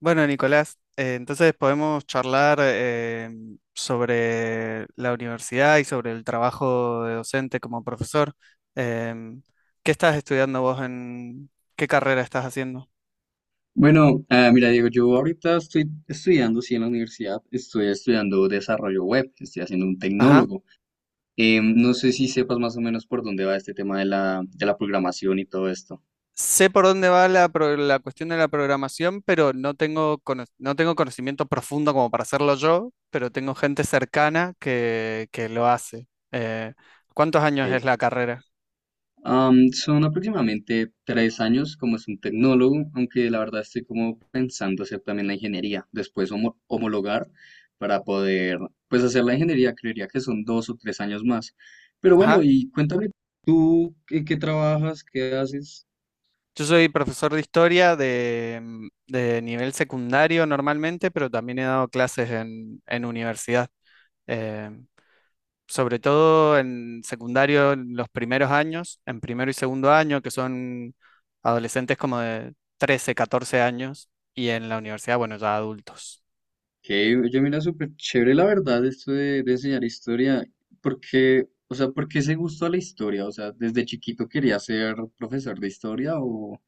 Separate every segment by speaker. Speaker 1: Bueno, Nicolás, entonces podemos charlar sobre la universidad y sobre el trabajo de docente como profesor. Em, ¿Qué estás estudiando vos en qué carrera estás haciendo?
Speaker 2: Bueno, mira, Diego, yo ahorita estoy estudiando, sí, en la universidad, estoy estudiando desarrollo web, estoy haciendo un
Speaker 1: Ajá.
Speaker 2: tecnólogo. No sé si sepas más o menos por dónde va este tema de la programación y todo esto.
Speaker 1: Sé por dónde va la cuestión de la programación, pero no tengo conocimiento profundo como para hacerlo yo, pero tengo gente cercana que lo hace. Eh, ¿Cuántos años
Speaker 2: Ok.
Speaker 1: es la carrera?
Speaker 2: Son aproximadamente 3 años como es un tecnólogo, aunque la verdad estoy como pensando hacer también la ingeniería, después homologar para poder, pues hacer la ingeniería, creería que son 2 o 3 años más. Pero bueno,
Speaker 1: Ajá.
Speaker 2: y cuéntame tú, ¿en qué trabajas? ¿Qué haces?
Speaker 1: Yo soy profesor de historia de nivel secundario normalmente, pero también he dado clases en universidad. Eh, Sobre todo en secundario, en los primeros años, en primero y segundo año, que son adolescentes como de 13, 14 años, y en la universidad, bueno, ya adultos.
Speaker 2: Que yo mira súper chévere la verdad esto de enseñar historia, porque, o sea, ¿por qué ese gusto a la historia? O sea, ¿desde chiquito quería ser profesor de historia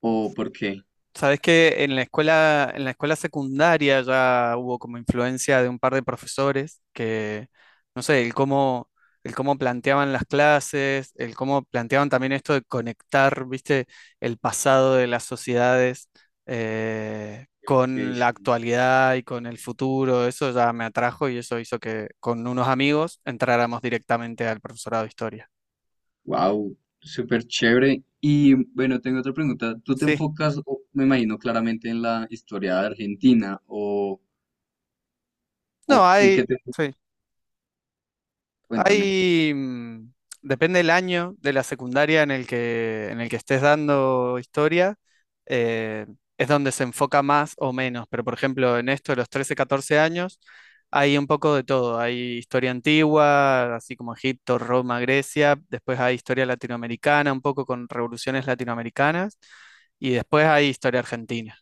Speaker 2: o por qué?
Speaker 1: Sabes que en la escuela secundaria ya hubo como influencia de un par de profesores que, no sé, el cómo planteaban las clases, el cómo planteaban también esto de conectar, viste, el pasado de las sociedades con la actualidad y con el futuro. Eso ya me atrajo y eso hizo que con unos amigos entráramos directamente al profesorado de historia.
Speaker 2: Wow, súper chévere. Y bueno, tengo otra pregunta. ¿Tú te
Speaker 1: Sí.
Speaker 2: enfocas, me imagino claramente en la historia de Argentina
Speaker 1: No,
Speaker 2: o en qué
Speaker 1: hay.
Speaker 2: te...
Speaker 1: Sí.
Speaker 2: Cuéntame.
Speaker 1: Hay, mm, Depende del año de la secundaria en el que estés dando historia, eh, es donde se enfoca más o menos, pero por ejemplo en esto de los 13, 14 años hay un poco de todo, hay historia antigua, así como Egipto, Roma, Grecia, después hay historia latinoamericana, un poco con revoluciones latinoamericanas, y después hay historia argentina,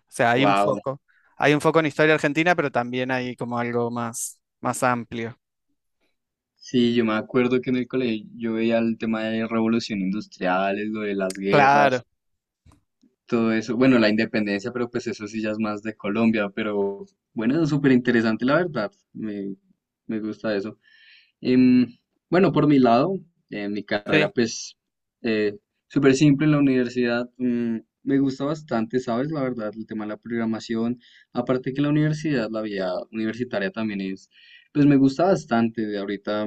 Speaker 1: o sea, hay un
Speaker 2: Wow.
Speaker 1: foco, hay un foco en historia argentina, pero también hay como algo más, más amplio.
Speaker 2: Sí, yo me acuerdo que en el colegio yo veía el tema de revolución industriales, lo de las
Speaker 1: Claro.
Speaker 2: guerras, todo eso. Bueno, la independencia, pero pues eso sí ya es más de Colombia, pero bueno, es súper interesante la verdad. Me gusta eso. Em, bueno, por mi lado, mi
Speaker 1: Sí.
Speaker 2: carrera pues eh, súper simple en la universidad. Me gusta bastante, ¿sabes? La verdad, el tema de la programación. Aparte que la universidad, la vida universitaria también es, pues me gusta bastante. De ahorita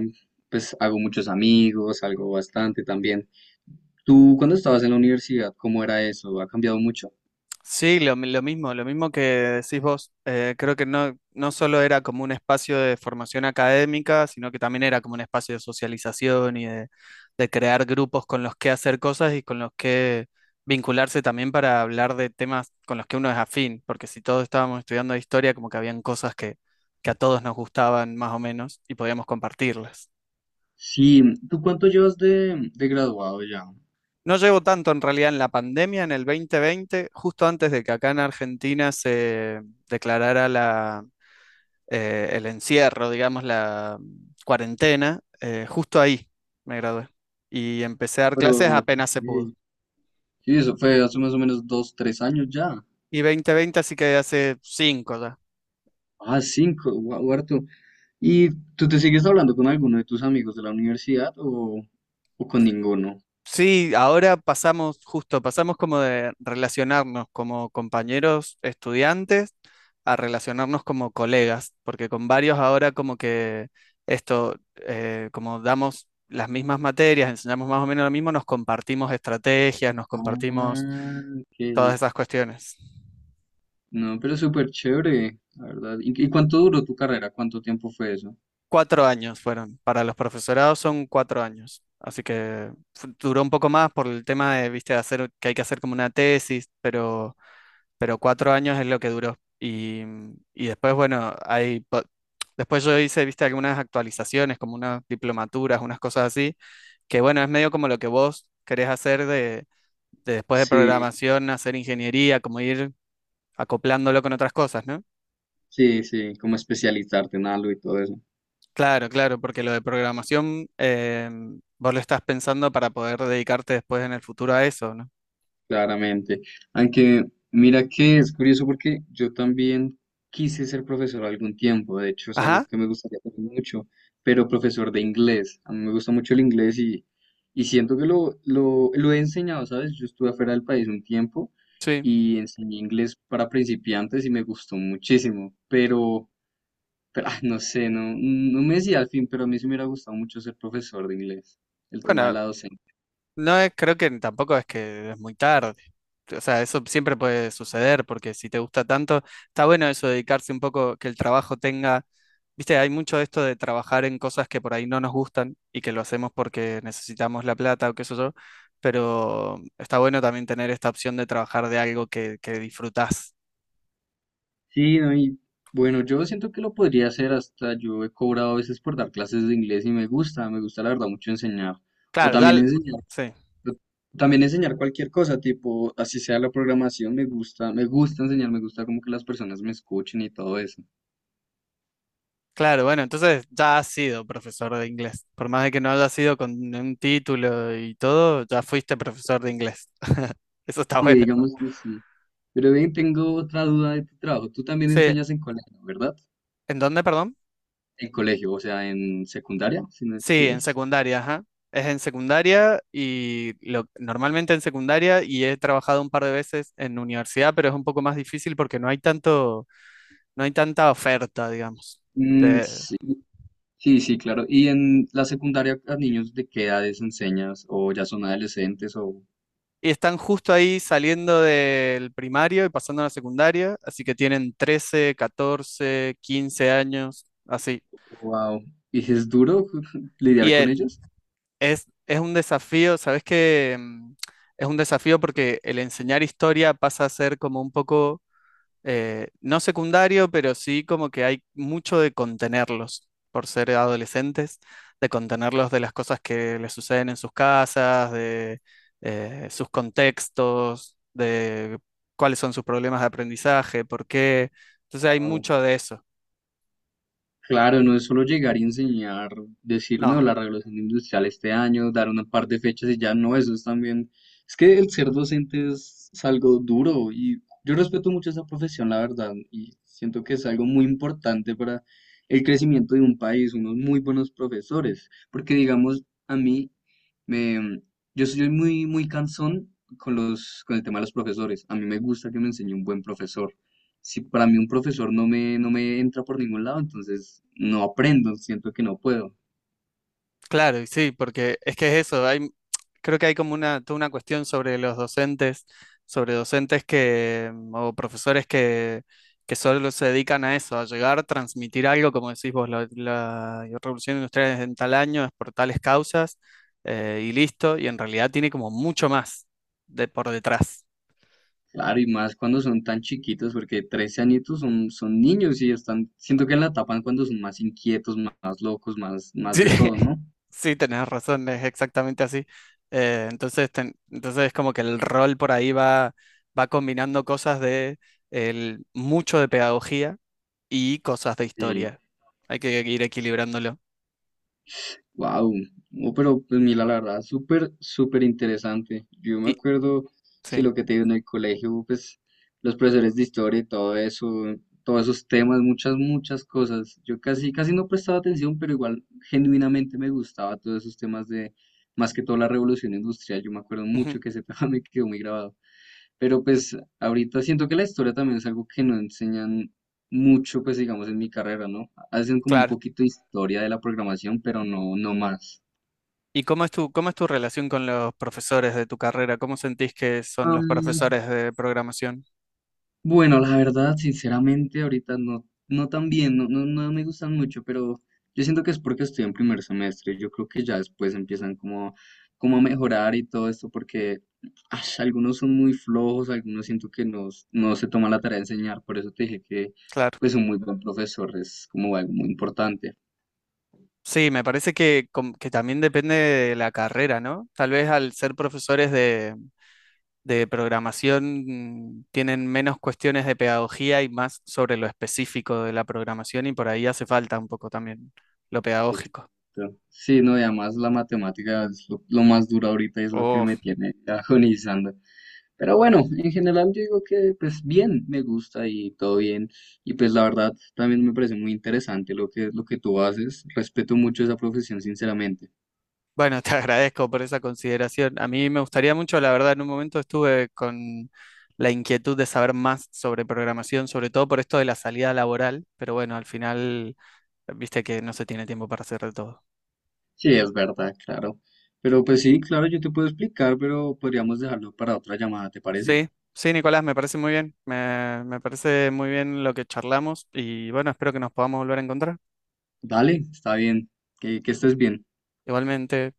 Speaker 2: pues hago muchos amigos, algo bastante también. ¿Tú cuando estabas en la universidad, cómo era eso? ¿Ha cambiado mucho?
Speaker 1: Sí, lo mismo que decís vos. Creo que no solo era como un espacio de formación académica, sino que también era como un espacio de socialización y de crear grupos con los que hacer cosas y con los que vincularse también para hablar de temas con los que uno es afín, porque si todos estábamos estudiando historia, como que habían cosas que a todos nos gustaban más o menos y podíamos compartirlas.
Speaker 2: Sí, ¿tú cuánto llevas de graduado ya?
Speaker 1: No llevo tanto en realidad en la pandemia, en el 2020, justo antes de que acá en Argentina se declarara la el encierro, digamos, la cuarentena, justo ahí me gradué. Y empecé a dar
Speaker 2: Pero,
Speaker 1: clases
Speaker 2: ok,
Speaker 1: apenas se pudo.
Speaker 2: sí, eso fue hace más o menos dos, tres años ya.
Speaker 1: Y 2020, así que hace cinco ya.
Speaker 2: Ah, cinco, guau, harto. ¿Y tú te sigues hablando con alguno de tus amigos de la universidad o con ninguno?
Speaker 1: Sí, ahora pasamos, justo, pasamos como de relacionarnos como compañeros estudiantes a relacionarnos como colegas, porque con varios ahora como que esto, como damos las mismas materias, enseñamos más o menos lo mismo, nos compartimos estrategias, nos
Speaker 2: Ah,
Speaker 1: compartimos
Speaker 2: ok.
Speaker 1: todas esas cuestiones.
Speaker 2: No, pero súper chévere, la verdad. ¿Y cuánto duró tu carrera? ¿Cuánto tiempo fue eso?
Speaker 1: 4 años fueron. Para los profesorados son 4 años. Así que duró un poco más por el tema de, viste, hacer, que hay que hacer como una tesis, pero 4 años es lo que duró. Y después, bueno, después yo hice, viste, algunas actualizaciones, como unas diplomaturas, unas cosas así, que bueno, es medio como lo que vos querés hacer de después de
Speaker 2: Sí,
Speaker 1: programación, hacer ingeniería, como ir acoplándolo con otras cosas, ¿no?
Speaker 2: sí, sí, como especializarte en algo y todo eso.
Speaker 1: Claro, claro, porque lo de programación vos lo estás pensando para poder dedicarte después en el futuro a eso, ¿no?
Speaker 2: Claramente. Aunque mira que es curioso porque yo también quise ser profesor algún tiempo, de hecho es algo
Speaker 1: Ajá,
Speaker 2: que me gustaría hacer mucho, pero profesor de inglés. A mí me gusta mucho el inglés y siento que lo he enseñado, ¿sabes? Yo estuve afuera del país un tiempo
Speaker 1: sí.
Speaker 2: y enseñé inglés para principiantes y me gustó muchísimo, pero no sé, no me decía al fin, pero a mí sí me hubiera gustado mucho ser profesor de inglés, el tema de
Speaker 1: Bueno,
Speaker 2: la docencia.
Speaker 1: creo que tampoco es que es muy tarde. O sea, eso siempre puede suceder porque si te gusta tanto, está bueno eso de dedicarse un poco, que el trabajo tenga, viste, hay mucho de esto de trabajar en cosas que por ahí no nos gustan y que lo hacemos porque necesitamos la plata o qué sé yo, pero está bueno también tener esta opción de trabajar de algo que disfrutás.
Speaker 2: Sí, no, y bueno, yo siento que lo podría hacer, hasta yo he cobrado a veces por dar clases de inglés y me gusta la verdad mucho enseñar, o
Speaker 1: Claro, ya, sí.
Speaker 2: también enseñar cualquier cosa, tipo, así sea la programación, me gusta enseñar, me gusta como que las personas me escuchen y todo eso.
Speaker 1: Claro, bueno, entonces ya has sido profesor de inglés. Por más de que no haya sido con un título y todo, ya fuiste profesor de inglés. Eso está
Speaker 2: Sí,
Speaker 1: bueno.
Speaker 2: digamos que sí. Pero bien, tengo otra duda de tu trabajo. Tú también
Speaker 1: Sí,
Speaker 2: enseñas en colegio, ¿verdad?
Speaker 1: ¿en dónde, perdón?
Speaker 2: En colegio, o sea, en secundaria, si no, si
Speaker 1: Sí, en
Speaker 2: es.
Speaker 1: secundaria, ajá. Es en secundaria y normalmente en secundaria y he trabajado un par de veces en universidad, pero es un poco más difícil porque no hay tanto, no hay tanta oferta, digamos,
Speaker 2: Mm,
Speaker 1: de,
Speaker 2: sí, sí, claro. ¿Y en la secundaria a niños de qué edades enseñas? ¿O ya son adolescentes? ¿O
Speaker 1: Y están justo ahí saliendo del primario y pasando a la secundaria, así que tienen 13 14 15 años, así.
Speaker 2: wow? ¿Y es duro
Speaker 1: Y
Speaker 2: lidiar con
Speaker 1: e-
Speaker 2: ellos?
Speaker 1: es, es un desafío, ¿sabes qué? Es un desafío porque el enseñar historia pasa a ser como un poco no secundario, pero sí como que hay mucho de contenerlos por ser adolescentes, de contenerlos de las cosas que les suceden en sus casas, de sus contextos, de cuáles son sus problemas de aprendizaje, por qué. Entonces hay mucho de eso.
Speaker 2: Claro, no es solo llegar y enseñar, decir, no,
Speaker 1: No,
Speaker 2: la regulación industrial este año, dar una par de fechas y ya no, eso es también. Es que el ser docente es algo duro y yo respeto mucho esa profesión, la verdad, y siento que es algo muy importante para el crecimiento de un país, unos muy buenos profesores, porque digamos, a mí, me, yo soy muy, muy cansón con con el tema de los profesores, a mí me gusta que me enseñe un buen profesor si para mí un profesor no me, no me entra por ningún lado, entonces no aprendo, siento que no puedo.
Speaker 1: claro, y sí, porque es que es eso, creo que hay como toda una cuestión sobre los docentes, sobre docentes que, o profesores que solo se dedican a eso, a llegar, transmitir algo, como decís vos, la revolución industrial es en tal año, es por tales causas, y listo, y en realidad tiene como mucho más de, por detrás.
Speaker 2: Claro, y más cuando son tan chiquitos, porque 13 añitos son niños y están, siento que la tapan cuando son más inquietos, más, locos, más, más
Speaker 1: Sí,
Speaker 2: de todo, ¿no?
Speaker 1: sí, tenés razón, es exactamente así. Entonces, entonces es como que el rol por ahí va, combinando cosas de mucho de pedagogía y cosas de
Speaker 2: Sí.
Speaker 1: historia. Hay que ir equilibrándolo.
Speaker 2: Wow, no, pero pues mira, la verdad, súper, súper interesante. Yo me
Speaker 1: Y
Speaker 2: acuerdo, si
Speaker 1: sí,
Speaker 2: lo que te digo en el colegio, pues los profesores de historia y todo eso, todos esos temas, muchas, muchas cosas. Yo casi, casi no prestaba atención, pero igual genuinamente me gustaba todos esos temas de, más que todo la revolución industrial. Yo me acuerdo
Speaker 1: ujú,
Speaker 2: mucho que ese tema me quedó muy grabado. Pero pues ahorita siento que la historia también es algo que no enseñan mucho, pues digamos, en mi carrera, ¿no? Hacen como un
Speaker 1: claro.
Speaker 2: poquito de historia de la programación, pero no, no más.
Speaker 1: ¿Y cómo es tu relación con los profesores de tu carrera? ¿Cómo sentís que son los
Speaker 2: Am,
Speaker 1: profesores de programación?
Speaker 2: bueno, la verdad, sinceramente, ahorita no, no tan bien, no, no, no me gustan mucho, pero yo siento que es porque estoy en primer semestre. Yo creo que ya después empiezan como a mejorar y todo esto, porque ash, algunos son muy flojos, algunos siento que no, no se toman la tarea de enseñar. Por eso te dije que
Speaker 1: Claro.
Speaker 2: pues un muy buen profesor es como algo muy importante.
Speaker 1: Sí, me parece que, que también depende de la carrera, ¿no? Tal vez al ser profesores de programación tienen menos cuestiones de pedagogía y más sobre lo específico de la programación y por ahí hace falta un poco también lo pedagógico.
Speaker 2: Exacto. Sí, no, y además la matemática es lo más duro ahorita y es lo que
Speaker 1: Oh,
Speaker 2: me tiene agonizando. Pero bueno, en general yo digo que pues bien, me gusta y todo bien. Y pues la verdad también me parece muy interesante lo que tú haces. Respeto mucho esa profesión, sinceramente.
Speaker 1: bueno, te agradezco por esa consideración. A mí me gustaría mucho, la verdad, en un momento estuve con la inquietud de saber más sobre programación, sobre todo por esto de la salida laboral, pero bueno, al final, viste que no se tiene tiempo para hacer de todo.
Speaker 2: Sí, es verdad, claro. Pero pues sí, claro, yo te puedo explicar, pero podríamos dejarlo para otra llamada, ¿te parece?
Speaker 1: Sí, sí, Nicolás, me parece muy bien, me parece muy bien lo que charlamos y bueno, espero que nos podamos volver a encontrar.
Speaker 2: Dale, está bien. Que estés bien.
Speaker 1: Igualmente.